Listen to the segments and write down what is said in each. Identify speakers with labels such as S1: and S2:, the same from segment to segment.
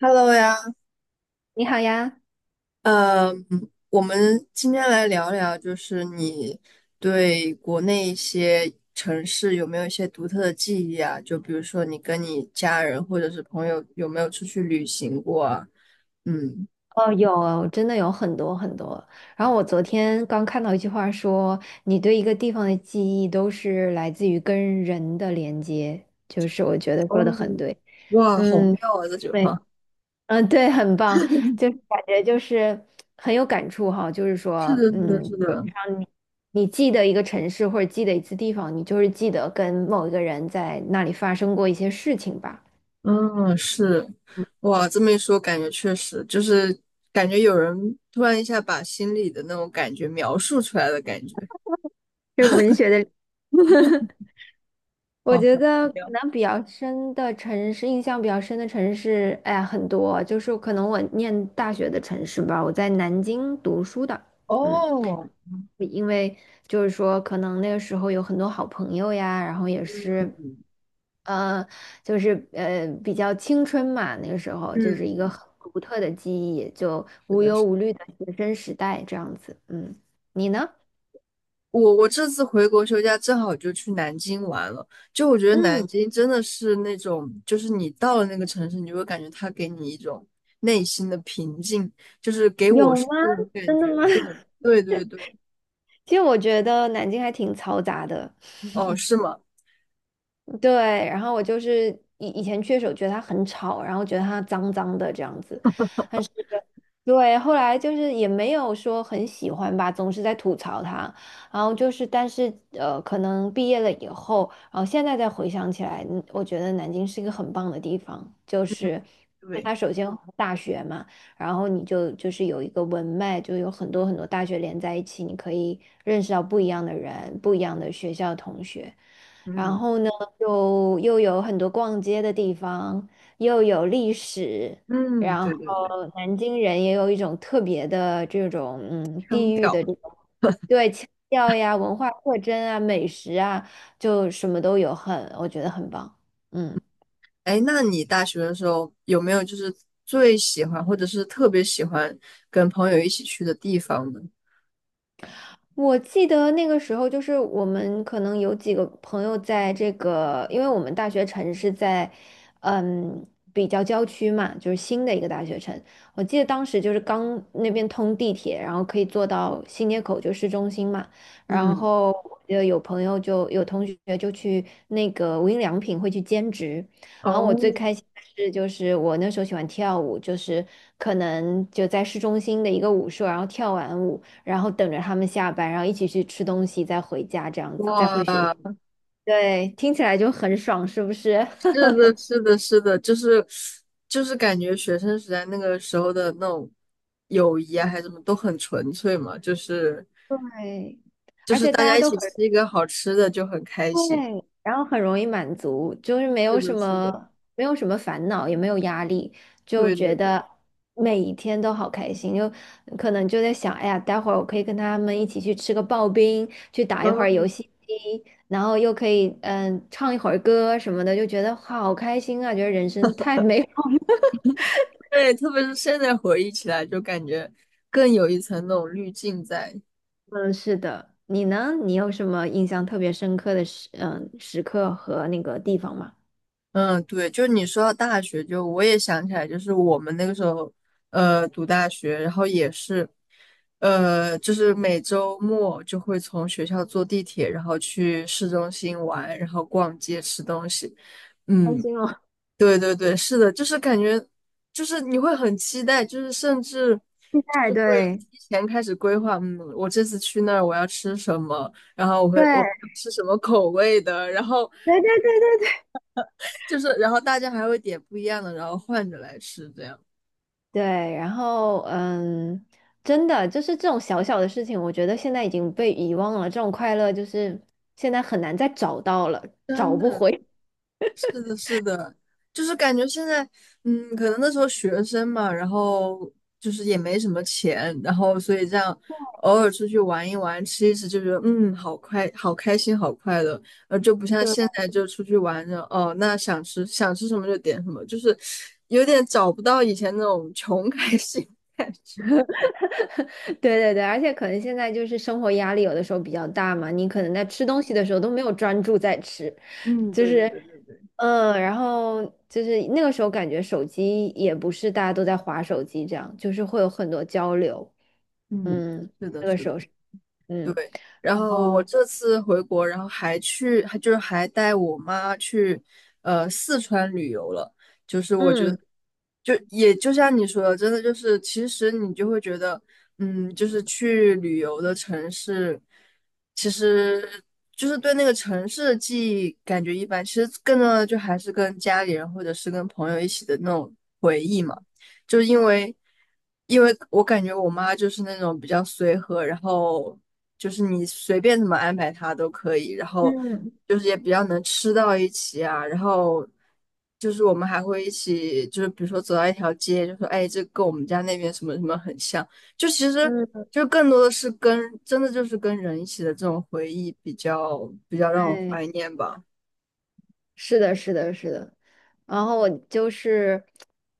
S1: Hello 呀，
S2: 你好呀，
S1: 嗯，我们今天来聊聊，就是你对国内一些城市有没有一些独特的记忆啊？就比如说你跟你家人或者是朋友有没有出去旅行过啊？嗯，
S2: 哦，有，真的有很多很多。然后我昨天刚看到一句话说，你对一个地方的记忆都是来自于跟人的连接，就是我觉得说的
S1: 哦，
S2: 很对。
S1: 哇，好
S2: 嗯，
S1: 妙啊！这句
S2: 对，
S1: 话
S2: 嗯，对，很棒，就是感觉就是很有感触哈，就是
S1: 是的，
S2: 说，
S1: 是的，是的。
S2: 让你你记得一个城市或者记得一次地方，你就是记得跟某一个人在那里发生过一些事情吧，
S1: 嗯，是，哇，这么一说，感觉确实就是感觉有人突然一下把心里的那种感觉描述出来的感觉。
S2: 就是文学的。我
S1: 哦，
S2: 觉
S1: 好奇
S2: 得可
S1: 妙。
S2: 能比较深的城市，印象比较深的城市，哎呀，很多，就是可能我念大学的城市吧，我在南京读书的，嗯，
S1: 哦，
S2: 因为就是说，可能那个时候有很多好朋友呀，然后也是，呃，就是比较青春嘛，那个时候就是一个
S1: 嗯，
S2: 很独特的记忆，就
S1: 是
S2: 无
S1: 的，
S2: 忧
S1: 是的。
S2: 无虑的学生时代这样子，嗯，你呢？
S1: 我这次回国休假正好就去南京玩了。就我觉得南
S2: 嗯，
S1: 京真的是那种，就是你到了那个城市，你就会感觉它给你一种内心的平静，就是给
S2: 有
S1: 我是
S2: 吗？
S1: 这种感
S2: 真的
S1: 觉。
S2: 吗？
S1: 对，对对对。
S2: 其实我觉得南京还挺嘈杂的。
S1: 哦，是吗？
S2: 对，然后我就是以前去的时候觉得它很吵，然后觉得它脏脏的这样子，但是对，后来就是也没有说很喜欢吧，总是在吐槽它。然后就是，但是可能毕业了以后，然后现在再回想起来，我觉得南京是一个很棒的地方，就是因为
S1: 对，
S2: 它首先有大学嘛，然后你就是有一个文脉，就有很多很多大学连在一起，你可以认识到不一样的人，不一样的学校同学。然
S1: 嗯
S2: 后呢，又有很多逛街的地方，又有历史，
S1: 嗯，
S2: 然
S1: 对
S2: 后
S1: 对对，
S2: 南京人也有一种特别的这种
S1: 腔
S2: 地域
S1: 调。
S2: 的这种对腔调呀、文化特征啊、美食啊，就什么都有很，我觉得很棒。嗯。
S1: 哎，那你大学的时候有没有就是最喜欢或者是特别喜欢跟朋友一起去的地方呢？
S2: 我记得那个时候，就是我们可能有几个朋友在这个，因为我们大学城是在，嗯，比较郊区嘛，就是新的一个大学城。我记得当时就是刚那边通地铁，然后可以坐到新街口，就市中心嘛。然
S1: 嗯，
S2: 后我记得有朋友就有同学就去那个无印良品会去兼职。然后我最
S1: 哦，
S2: 开心的是，就是我那时候喜欢跳舞，就是可能就在市中心的一个舞社，然后跳完舞。然后等着他们下班，然后一起去吃东西，再回家，这样子，再回学校。
S1: 哇。
S2: 对，听起来就很爽，是不是？
S1: 是 的，是的，是的，就是就是感觉学生时代那个时候的那种友谊啊，还是什么都很纯粹嘛，就是
S2: 对，
S1: 就
S2: 而
S1: 是
S2: 且
S1: 大
S2: 大家
S1: 家一
S2: 都
S1: 起
S2: 很。
S1: 吃一个好吃的就很开心。
S2: 对，然后很容易满足，就是没
S1: 是
S2: 有什
S1: 的，是的，
S2: 么没有什么烦恼，也没有压力，就
S1: 对
S2: 觉
S1: 对对。
S2: 得每一天都好开心。就可能就在想，哎呀，待会儿我可以跟他们一起去吃个刨冰，去打一会儿
S1: 嗯，
S2: 游戏机，然后又可以唱一会儿歌什么的，就觉得好开心啊！觉得人生太美。
S1: 对，特别是现在回忆起来，就感觉更有一层那种滤镜在。
S2: 嗯，是的。你呢？你有什么印象特别深刻的时刻和那个地方吗？
S1: 嗯，对，就你说到大学，就我也想起来，就是我们那个时候，读大学，然后也是，就是每周末就会从学校坐地铁，然后去市中心玩，然后逛街吃东西。
S2: 开
S1: 嗯，
S2: 心哦，
S1: 对对对，是的，就是感觉，就是你会很期待，就是甚至
S2: 期待，
S1: 就是会
S2: 对。
S1: 提前开始规划。嗯，我这次去那儿我要吃什么，然后我
S2: 对
S1: 吃什么口味的，然后
S2: 对对对对对，
S1: 就是然后大家还会点不一样的，然后换着来吃，这样
S2: 对，然后真的就是这种小小的事情，我觉得现在已经被遗忘了。这种快乐就是现在很难再找到了，找
S1: 真
S2: 不
S1: 的
S2: 回。
S1: 是的，是的，就是感觉现在。嗯，可能那时候学生嘛，然后就是也没什么钱，然后所以这样偶尔出去玩一玩，吃一吃，就觉得嗯，好快，好开心，好快乐。就不 像
S2: 对。
S1: 现在就出去玩着，哦，那想吃想吃什么就点什么，就是有点找不到以前那种穷开心的感觉。
S2: 对对对，而且可能现在就是生活压力有的时候比较大嘛，你可能在吃东西的时候都没有专注在吃，
S1: 嗯，
S2: 就
S1: 对对
S2: 是
S1: 对对对。
S2: 然后就是那个时候感觉手机也不是大家都在划手机这样，就是会有很多交流，
S1: 嗯，
S2: 嗯
S1: 是的，是的。
S2: 嗯，
S1: 对，然
S2: 然
S1: 后我
S2: 后
S1: 这次回国，然后还去，还就是还带我妈去，四川旅游了。就是我觉得，
S2: 嗯
S1: 就也就像你说的，真的就是，其实你就会觉得。嗯，就是去旅游的城市，其实就是对那个城市的记忆感觉一般。其实更多的就还是跟家里人或者是跟朋友一起的那种回忆嘛。就是因为，因为我感觉我妈就是那种比较随和，然后就是你随便怎么安排她都可以，然后
S2: 嗯
S1: 就是也比较能吃到一起啊，然后就是我们还会一起，就是比如说走到一条街，就说哎，这跟我们家那边什么什么很像，就其实
S2: 嗯，
S1: 就更多的是跟真的就是跟人一起的这种回忆比较比较让我
S2: 对。
S1: 怀念吧。
S2: 是的，是的，是的。然后我就是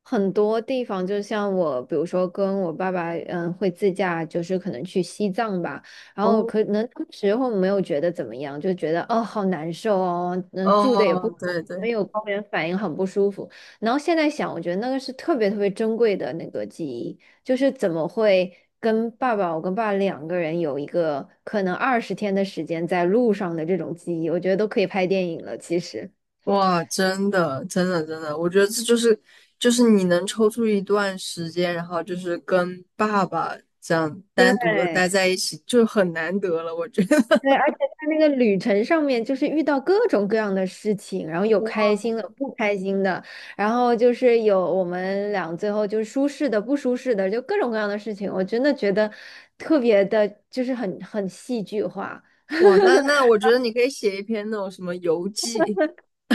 S2: 很多地方，就像我，比如说跟我爸爸，会自驾，就是可能去西藏吧。然后
S1: 哦，
S2: 可能当时候没有觉得怎么样，就觉得哦，好难受哦，能住的也不。
S1: 哦，对对。
S2: 没有高原反应，很不舒服。然后现在想，我觉得那个是特别特别珍贵的那个记忆，就是怎么会跟爸爸，我跟爸爸两个人有一个可能20天的时间在路上的这种记忆，我觉得都可以拍电影了，其实。
S1: 哇，真的，真的，真的，我觉得这就是就是你能抽出一段时间，然后就是跟爸爸这样
S2: 对
S1: 单独的待在一起，就很难得了，我觉得。
S2: 对，而且在那个旅程上面，就是遇到各种各样的事情，然后有开
S1: 哇
S2: 心的、不开心的，然后就是有我们俩最后就是舒适的、不舒适的，就各种各样的事情，我真的觉得特别的，就是很戏剧化。
S1: 哇，那那我觉得你可以写一篇那种什么游记。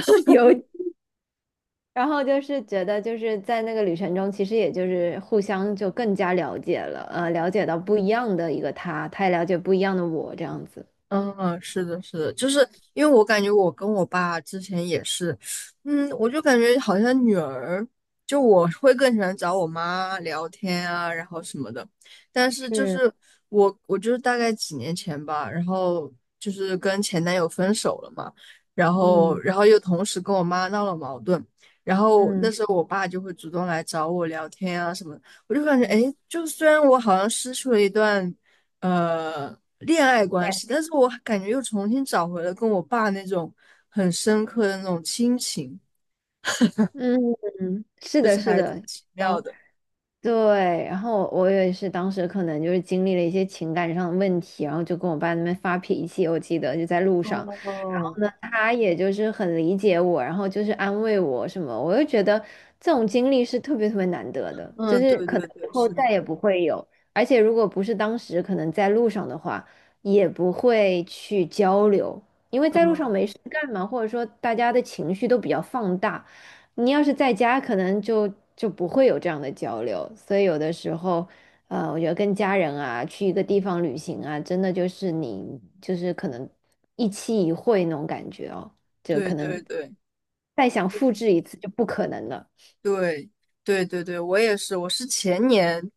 S2: 有，然后就是觉得就是在那个旅程中，其实也就是互相就更加了解了，了解到不一样的一个他，他也了解不一样的我，这样子。
S1: 嗯，是的，是的，就是因为我感觉我跟我爸之前也是。嗯，我就感觉好像女儿，就我会更喜欢找我妈聊天啊，然后什么的。但是就
S2: 是，
S1: 是我就是大概几年前吧，然后就是跟前男友分手了嘛，然后
S2: 嗯。
S1: 然后又同时跟我妈闹了矛盾，然后那
S2: 嗯。
S1: 时候我爸就会主动来找我聊天啊什么的我就感觉，
S2: 嗯，
S1: 哎，就虽然我好像失去了一段。恋爱关
S2: 对。
S1: 系，但是我感觉又重新找回了跟我爸那种很深刻的那种亲情，
S2: 嗯，是的，是的，
S1: 奇妙
S2: 嗯，
S1: 的。
S2: 对。然后我也是当时可能就是经历了一些情感上的问题，然后就跟我爸那边发脾气，我记得就在路上。然
S1: 哦，
S2: 后呢，他也就是很理解我，然后就是安慰我什么，我就觉得这种经历是特别特别难得的，就
S1: 嗯，
S2: 是
S1: 对
S2: 可
S1: 对
S2: 能以
S1: 对，
S2: 后
S1: 是的，
S2: 再也
S1: 是的。
S2: 不会有。而且如果不是当时可能在路上的话，也不会去交流，因为在路
S1: 嗯，
S2: 上没事干嘛，或者说大家的情绪都比较放大。你要是在家，可能就不会有这样的交流，所以有的时候，我觉得跟家人啊，去一个地方旅行啊，真的就是你就是可能一期一会那种感觉哦，就
S1: 对
S2: 可
S1: 对
S2: 能
S1: 对，
S2: 再想复制一次就不可能了。
S1: 对，对对对，我也是，我是前年，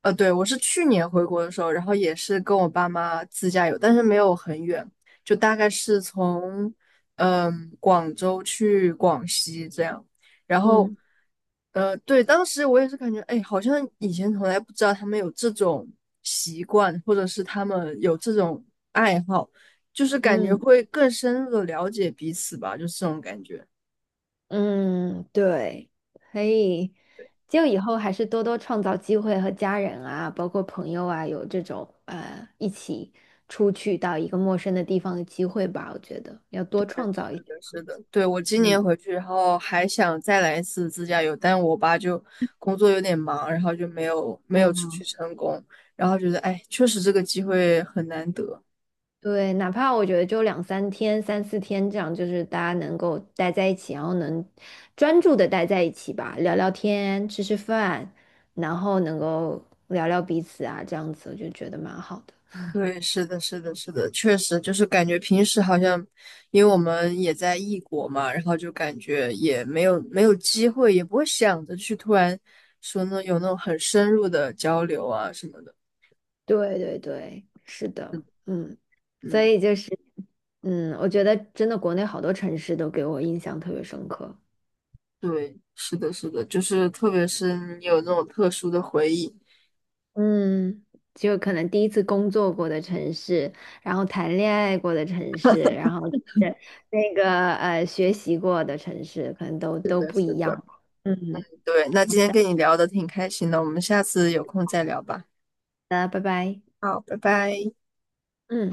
S1: 对，我是去年回国的时候，然后也是跟我爸妈自驾游，但是没有很远，就大概是从嗯广州去广西这样，然后
S2: 嗯
S1: 对，当时我也是感觉，哎，好像以前从来不知道他们有这种习惯，或者是他们有这种爱好，就是感觉
S2: 嗯。
S1: 会更深入的了解彼此吧，就是这种感觉。
S2: 嗯，对，可以，就以后还是多多创造机会和家人啊，包括朋友啊，有这种一起出去到一个陌生的地方的机会吧。我觉得要多创造一些
S1: 是
S2: 环
S1: 的，
S2: 境。
S1: 对，我今
S2: 嗯，
S1: 年回去，然后还想再来一次自驾游，但我爸就工作有点忙，然后就没有出去成功，然后觉得哎，确实这个机会很难得。
S2: 对，哪怕我觉得就两三天、三四天这样，就是大家能够待在一起，然后能专注的待在一起吧，聊聊天、吃吃饭，然后能够聊聊彼此啊，这样子我就觉得蛮好的。
S1: 对，是的，是的，是的，确实就是感觉平时好像，因为我们也在异国嘛，然后就感觉也没有机会，也不会想着去突然说呢有那种很深入的交流啊什么的。
S2: 对对对，是的，嗯，所
S1: 嗯，
S2: 以就是，嗯，我觉得真的国内好多城市都给我印象特别深刻，
S1: 对，是的，是的，就是特别是你有那种特殊的回忆。
S2: 嗯，就可能第一次工作过的城市，然后谈恋爱过的城市，然后是那个学习过的城市，可能都
S1: 的，
S2: 不
S1: 是
S2: 一样
S1: 的，
S2: 吧。嗯，
S1: 对。那
S2: 好
S1: 今天
S2: 的，
S1: 跟你聊的挺开心的，我们下次有空再聊吧。
S2: 那拜拜。
S1: 好，拜拜。
S2: 嗯。